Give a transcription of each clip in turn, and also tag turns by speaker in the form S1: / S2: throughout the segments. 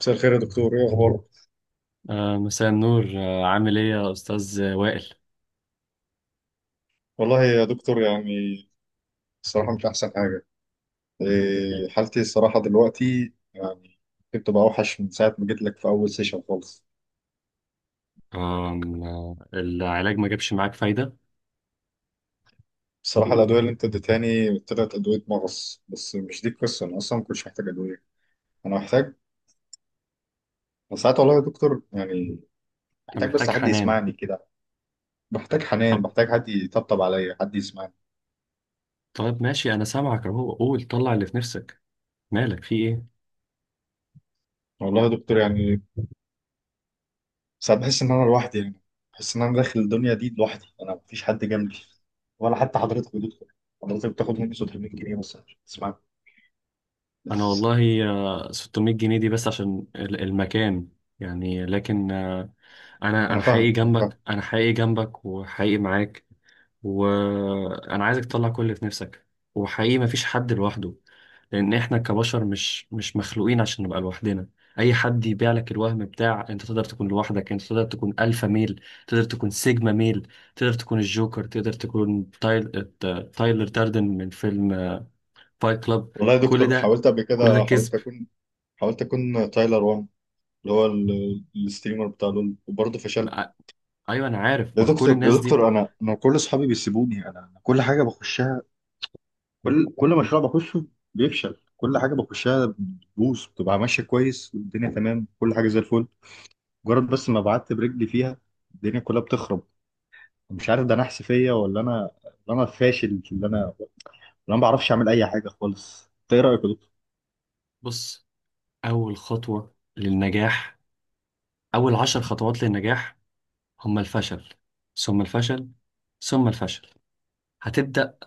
S1: مساء الخير يا دكتور، ايه اخبارك؟
S2: مساء النور، عامل ايه يا استاذ وائل؟
S1: والله يا دكتور، يعني الصراحه مش احسن حاجه. إيه، حالتي الصراحه دلوقتي يعني كنت بقى اوحش من ساعه ما جيت لك في اول سيشن خالص.
S2: آم، آه، العلاج ما جابش معاك فايده.
S1: الصراحه الادويه اللي انت اديتهاني طلعت ادويه مغص، بس مش دي القصه، انا اصلا ما كنتش محتاج ادويه. انا محتاج، أنا ساعات والله يا دكتور يعني
S2: انت
S1: محتاج بس
S2: محتاج
S1: حد
S2: حنان.
S1: يسمعني كده. بحتاج حنان،
S2: طب.
S1: بحتاج حد يطبطب عليا، حد يسمعني.
S2: طيب ماشي، انا سامعك اهو، قول طلع اللي في نفسك. مالك، في ايه؟
S1: والله يا دكتور يعني ساعات بحس إن أنا لوحدي، يعني بحس إن أنا داخل الدنيا دي لوحدي، أنا مفيش حد جنبي، ولا حتى حضرتك بتدخل. حضرتك بتاخد مني 600 جنيه مثلا عشان تسمعني
S2: انا
S1: بس.
S2: والله، 600 جنيه دي بس عشان المكان، يعني لكن انا
S1: أنا
S2: انا حقيقي
S1: فاهمك، أنا فاهم.
S2: جنبك، انا حقيقي جنبك وحقيقي معاك. وانا عايزك تطلع كل اللي في نفسك. وحقيقي مفيش حد لوحده، لان احنا كبشر مش مخلوقين عشان نبقى لوحدنا. اي حد يبيع لك الوهم بتاع انت تقدر تكون لوحدك، انت تقدر تكون الفا ميل، تقدر تكون سيجما ميل، تقدر تكون الجوكر، تقدر تكون تايلر داردن من فيلم فايت كلاب.
S1: والله يا
S2: كل
S1: دكتور
S2: ده
S1: حاولت قبل
S2: كل ده
S1: كده،
S2: كذب.
S1: حاولت أكون، حاولت أكون تايلر وان، اللي هو الستريمر بتاع لول، وبرضه فشلت.
S2: ع- ايوه انا عارف،
S1: يا
S2: ما هو كل
S1: دكتور، يا
S2: الناس دي.
S1: دكتور، أنا كل أصحابي بيسيبوني، أنا كل حاجة بخشها، كل مشروع بخشه بيفشل، كل حاجة بخشها بتبوظ، بتبقى ماشية كويس والدنيا تمام، كل حاجة زي الفل، مجرد بس ما بعت برجلي فيها الدنيا كلها بتخرب. مش عارف ده انا حسفيه، ولا انا، ولا انا فاشل في اللي انا، ولا انا ما بعرفش اعمل اي حاجه خالص. انت ايه رايك يا دكتور؟
S2: بص، اول خطوة للنجاح، اول عشر خطوات للنجاح، هم الفشل، ثم الفشل، ثم الفشل. هتبدأ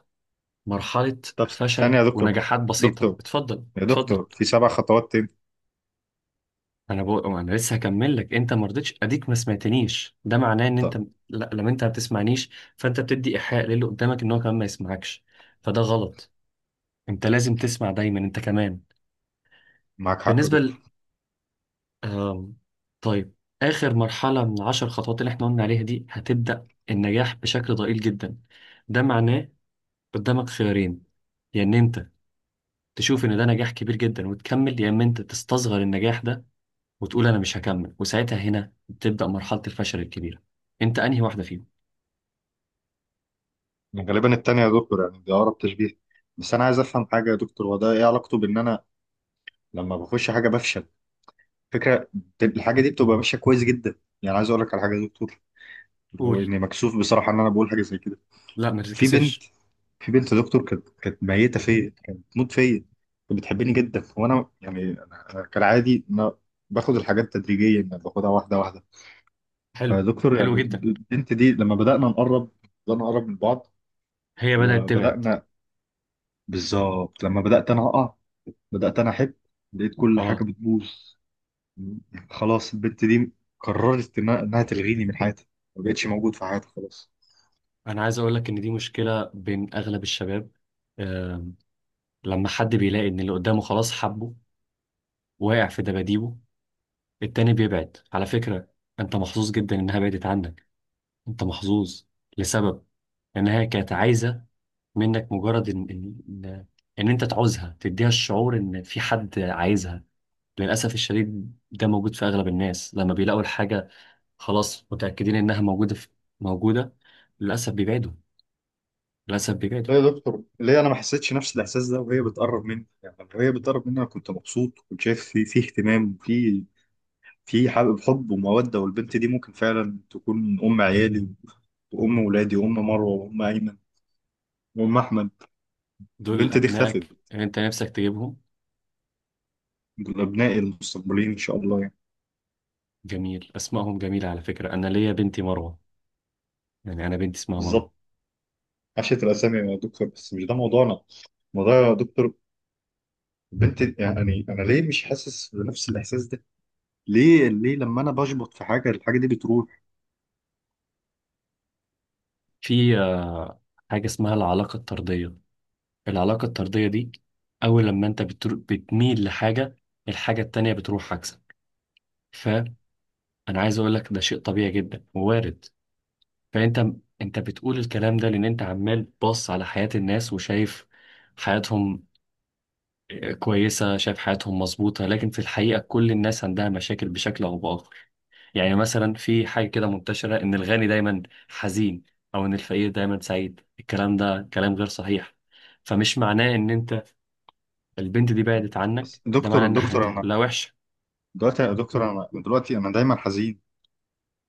S2: مرحلة
S1: طب، ثانيه
S2: فشل
S1: يا دكتور،
S2: ونجاحات بسيطة.
S1: دكتور،
S2: اتفضل،
S1: يا
S2: اتفضل.
S1: دكتور، في 7 خطوات تاني.
S2: انا بقول انا لسه هكمل لك، انت ما رضيتش اديك، ما سمعتنيش، ده معناه ان انت...
S1: طب،
S2: لا، لما انت ما بتسمعنيش، فانت بتدي ايحاء للي قدامك ان هو كمان ما يسمعكش، فده غلط. انت لازم تسمع دايما انت كمان.
S1: معاك حق يا
S2: بالنسبة ل...
S1: دكتور.
S2: آم... طيب، اخر مرحلة من العشر خطوات اللي احنا قلنا عليها دي، هتبدأ النجاح بشكل ضئيل جدا. ده معناه قدامك خيارين، يا ان انت تشوف ان ده نجاح كبير جدا وتكمل، يا اما انت تستصغر النجاح ده وتقول انا مش هكمل، وساعتها هنا تبدأ مرحلة الفشل الكبيرة. انت انهي واحدة فيهم؟
S1: غالبا التانية يا دكتور، يعني دي اقرب تشبيه. بس انا عايز افهم حاجه يا دكتور، هو ده ايه علاقته بان انا لما بخش حاجه بفشل؟ فكره الحاجه دي بتبقى ماشيه كويس جدا. يعني عايز اقول لك على حاجه يا دكتور، اللي هو
S2: قول،
S1: اني مكسوف بصراحه ان انا بقول حاجه زي كده.
S2: لا ما
S1: في بنت،
S2: تتكسفش.
S1: في بنت دكتور، كانت ميته فيا، كانت بتموت فيا، كانت بتحبني جدا، وانا يعني أنا كالعادي، ما باخد الحاجات تدريجيا، يعني باخدها واحده واحده.
S2: حلو،
S1: فدكتور
S2: حلو
S1: يعني
S2: جدا.
S1: البنت دي لما بدانا نقرب، بدانا نقرب من بعض،
S2: هي بدأت تبعد.
S1: وبدانا، بالظبط لما بدات انا اقع، بدات انا احب، لقيت كل
S2: اه،
S1: حاجه بتبوظ. خلاص البنت دي قررت إنها تلغيني من حياتها، ما بقتش موجود في حياتها خلاص.
S2: انا عايز اقول لك ان دي مشكلة بين اغلب الشباب. آه لما حد بيلاقي ان اللي قدامه خلاص حبه، واقع في دباديبه، التاني بيبعد على فكرة. انت محظوظ جدا انها بعدت عنك، انت محظوظ، لسبب انها كانت عايزة منك مجرد ان ان، إن انت تعوزها، تديها الشعور ان في حد عايزها. للاسف الشديد ده موجود في اغلب الناس، لما بيلاقوا الحاجه خلاص متاكدين انها موجوده في... موجوده، للاسف بيبعدوا، للاسف بيبعدوا.
S1: لا يا دكتور، ليه انا ما حسيتش نفس الاحساس ده وهي بتقرب مني؟ يعني لما هي بتقرب مني انا كنت مبسوط، كنت شايف في اهتمام، في في حب وموده، والبنت دي ممكن فعلا تكون ام عيالي، وام ولادي، وام مروه، وام ايمن، وام احمد.
S2: دول
S1: البنت دي اختفت.
S2: ابنائك اللي انت نفسك تجيبهم.
S1: دول ابنائي المستقبليين ان شاء الله يعني.
S2: جميل، اسمائهم جميله على فكره، انا ليا بنتي مروه، يعني انا بنتي اسمها مروه.
S1: بالظبط، عشت الاسامي يا دكتور، بس مش ده موضوعنا. موضوع يا دكتور، البنت، يعني انا ليه مش حاسس بنفس الاحساس ده؟ ليه، ليه لما انا بشبط في حاجه، الحاجه دي بتروح؟
S2: في حاجه اسمها العلاقه الطرديه. العلاقه الطرديه دي، اول لما انت بتميل لحاجه، الحاجه التانيه بتروح عكسك. انا عايز اقول لك ده شيء طبيعي جدا ووارد. فانت انت بتقول الكلام ده لان انت عمال باص على حياة الناس وشايف حياتهم كويسة، شايف حياتهم مظبوطة، لكن في الحقيقة كل الناس عندها مشاكل بشكل او باخر. يعني مثلا في حاجة كده منتشرة ان الغني دايما حزين، او ان الفقير دايما سعيد. الكلام ده كلام غير صحيح. فمش معناه ان انت... البنت دي بعدت عنك،
S1: بس
S2: ده معناه
S1: دكتور،
S2: ان
S1: دكتور،
S2: حياتك
S1: انا
S2: كلها وحشة.
S1: دلوقتي يا دكتور، انا دلوقتي انا دايما حزين،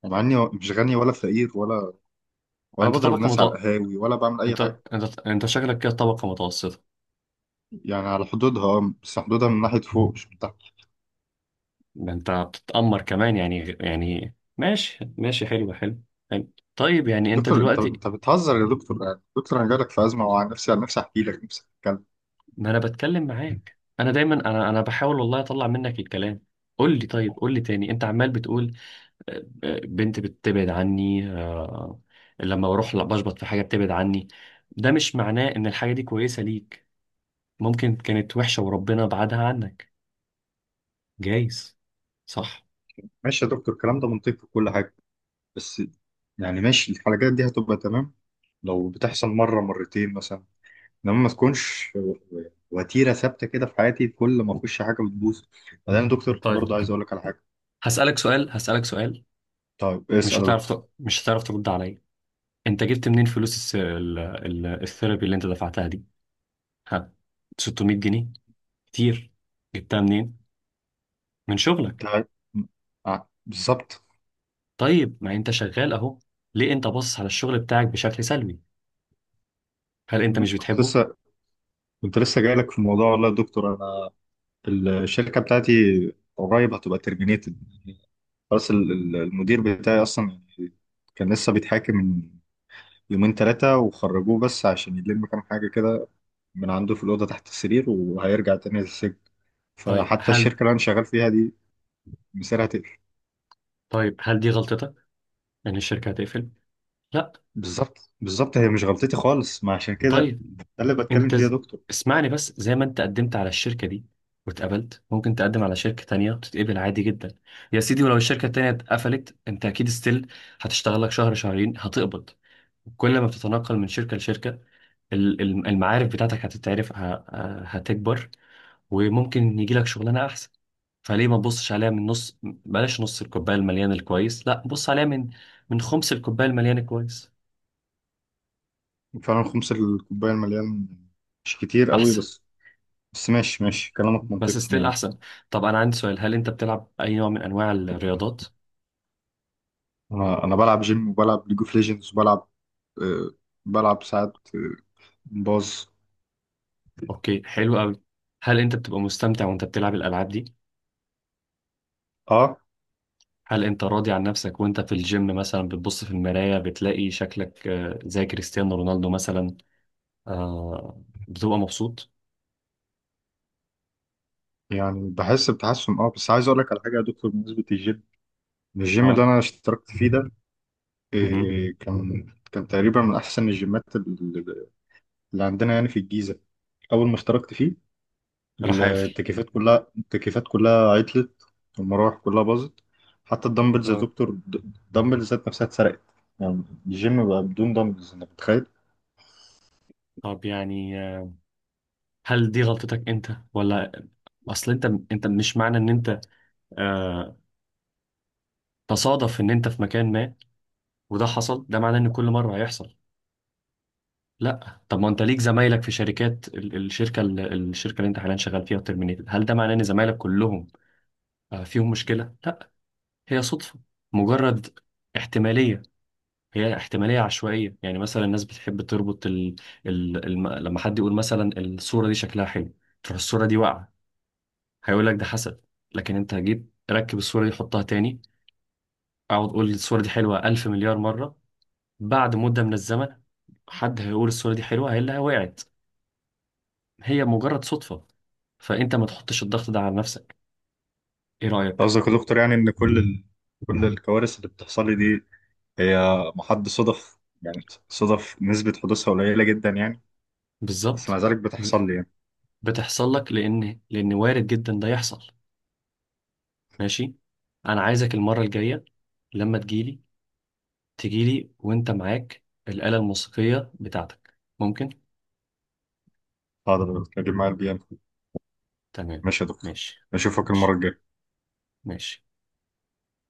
S1: مع اني مش غني ولا فقير، ولا، ولا
S2: انت
S1: بضرب
S2: طبقة
S1: الناس على
S2: متوسطة،
S1: القهاوي، ولا بعمل اي
S2: انت
S1: حاجه.
S2: انت شكلك كده طبقة متوسطة.
S1: يعني على حدودها، بس حدودها من ناحيه فوق مش من تحت.
S2: ده انت بتتأمر كمان يعني، ماشي ماشي، حلو حلو، حلو. طيب يعني انت
S1: دكتور، انت
S2: دلوقتي...
S1: انت بتهزر يا دكتور؟ يعني دكتور انا جالك في ازمه، وعن نفسي، عن نفسي احكي لك، نفسي اتكلم.
S2: ما انا بتكلم معاك، انا دايما، انا بحاول والله اطلع منك الكلام. قول لي، طيب قول لي تاني، انت عمال بتقول بنت بتبعد عني، لما بروح لا بشبط في حاجة بتبعد عني. ده مش معناه ان الحاجة دي كويسة ليك، ممكن كانت وحشة وربنا بعدها عنك، جايز، صح.
S1: ماشي يا دكتور، الكلام ده منطقي وكل حاجه، بس يعني ماشي الحلقات دي هتبقى تمام لو بتحصل مره مرتين مثلا، انما ما تكونش وتيره ثابته كده في حياتي، كل ما اخش حاجه بتبوظ. بعدين يا دكتور
S2: طيب
S1: برضه عايز اقول لك على حاجه.
S2: هسألك سؤال، هسألك سؤال.
S1: طيب اسال يا دكتور.
S2: مش هتعرف ترد عليا. انت جبت منين فلوس الثيرابي اللي انت دفعتها دي؟ ها؟ 600 جنيه كتير. جبتها منين؟ من شغلك.
S1: انت، بالظبط.
S2: طيب ما انت شغال اهو، ليه انت باصص على الشغل بتاعك بشكل سلبي؟ هل انت مش
S1: كنت
S2: بتحبه؟
S1: لسه كنت لسه جاي لك في الموضوع، والله يا دكتور انا الشركه بتاعتي قريب هتبقى ترمينيتد، خلاص المدير بتاعي اصلا كان لسه بيتحاكم من يومين 3، وخرجوه بس عشان يلم كام حاجه كده من عنده في الاوضه تحت السرير، وهيرجع تاني للسجن.
S2: طيب
S1: فحتى
S2: هل
S1: الشركه اللي انا شغال فيها دي مصيرها تقفل.
S2: طيب هل دي غلطتك ان الشركة هتقفل؟ لا.
S1: بالظبط، بالظبط، هي مش غلطتي خالص، ما عشان كده
S2: طيب،
S1: ده اللي بتكلم
S2: انت
S1: فيه يا
S2: ز...
S1: دكتور.
S2: اسمعني بس، زي ما انت قدمت على الشركة دي واتقبلت، ممكن تقدم على شركة تانية وتتقبل عادي جدا. يا سيدي، ولو الشركة التانية اتقفلت انت اكيد ستيل هتشتغل لك شهر شهرين، هتقبض. كل ما بتتنقل من شركة لشركة، المعارف بتاعتك هتتعرف، هتكبر، وممكن يجي لك شغلانة أحسن. فليه ما تبصش عليها من نص؟ بلاش نص الكوباية المليان الكويس، لا بص عليها من من خمس الكوباية المليان الكويس.
S1: فعلا خمس الكوبايه المليان مش كتير قوي،
S2: أحسن،
S1: بس بس ماشي، ماشي كلامك
S2: بس
S1: منطقي
S2: ستيل
S1: يعني.
S2: أحسن. طب أنا عندي سؤال، هل أنت بتلعب أي نوع من أنواع الرياضات؟
S1: انا انا بلعب جيم، وبلعب ليج اوف ليجندز، وبلعب آه، بلعب ساعات باز.
S2: أوكي، حلو أوي. هل أنت بتبقى مستمتع وأنت بتلعب الألعاب دي؟
S1: اه.
S2: هل أنت راضي عن نفسك وأنت في الجيم مثلا، بتبص في المراية بتلاقي شكلك زي كريستيانو رونالدو مثلا؟ آه، بتبقى مبسوط؟
S1: يعني بحس بتحسن اه، بس عايز اقول لك على حاجه يا دكتور، بالنسبه للجيم، الجيم اللي
S2: اه.
S1: انا اشتركت فيه ده،
S2: مهم.
S1: كان، كان تقريبا من احسن الجيمات اللي، اللي عندنا يعني في الجيزه. اول ما اشتركت فيه،
S2: راح قافل.
S1: التكييفات كلها عطلت، والمراوح كلها باظت. حتى الدمبلز يا
S2: اه،
S1: دكتور، الدمبلز ذات نفسها اتسرقت، يعني الجيم بقى بدون دمبلز، انت متخيل؟
S2: طب يعني هل دي غلطتك انت؟ ولا اصل انت... انت، مش معنى ان انت آه تصادف ان انت في مكان ما وده حصل، ده معناه ان كل مره هيحصل. لا، طب ما انت ليك زمايلك في شركات، الشركه الشركه اللي انت حاليا شغال فيها وترمينيتد، هل ده معناه ان زمايلك كلهم فيهم مشكله؟ لا، هي صدفه، مجرد احتماليه. هي احتمالية عشوائية. يعني مثلا الناس بتحب تربط لما حد يقول مثلا الصورة دي شكلها حلو، تروح الصورة دي واقعة، هيقول لك ده حسد. لكن انت جيت ركب الصورة دي، حطها تاني، اقعد قول الصورة دي حلوة ألف مليار مرة، بعد مدة من الزمن حد هيقول الصورة دي حلوة هي اللي وقعت. هي مجرد صدفة. فانت ما تحطش الضغط ده على نفسك. ايه رأيك؟
S1: قصدك يا دكتور يعني ان كل الكوارث اللي بتحصل لي دي هي محض صدف، يعني صدف نسبة حدوثها قليلة جدا يعني، بس مع
S2: بالظبط.
S1: ذلك
S2: ب-
S1: بتحصل لي يعني.
S2: بتحصل لك لان وارد جدا ده يحصل. ماشي. انا عايزك المرة الجاية لما تجيلي، تجيلي وانت معاك الآلة الموسيقية بتاعتك، ممكن؟
S1: هقدر اجيب معايا BM.
S2: تمام.
S1: ماشي يا دكتور،
S2: ماشي.
S1: اشوفك المرة
S2: ماشي،
S1: الجاية.
S2: ماشي.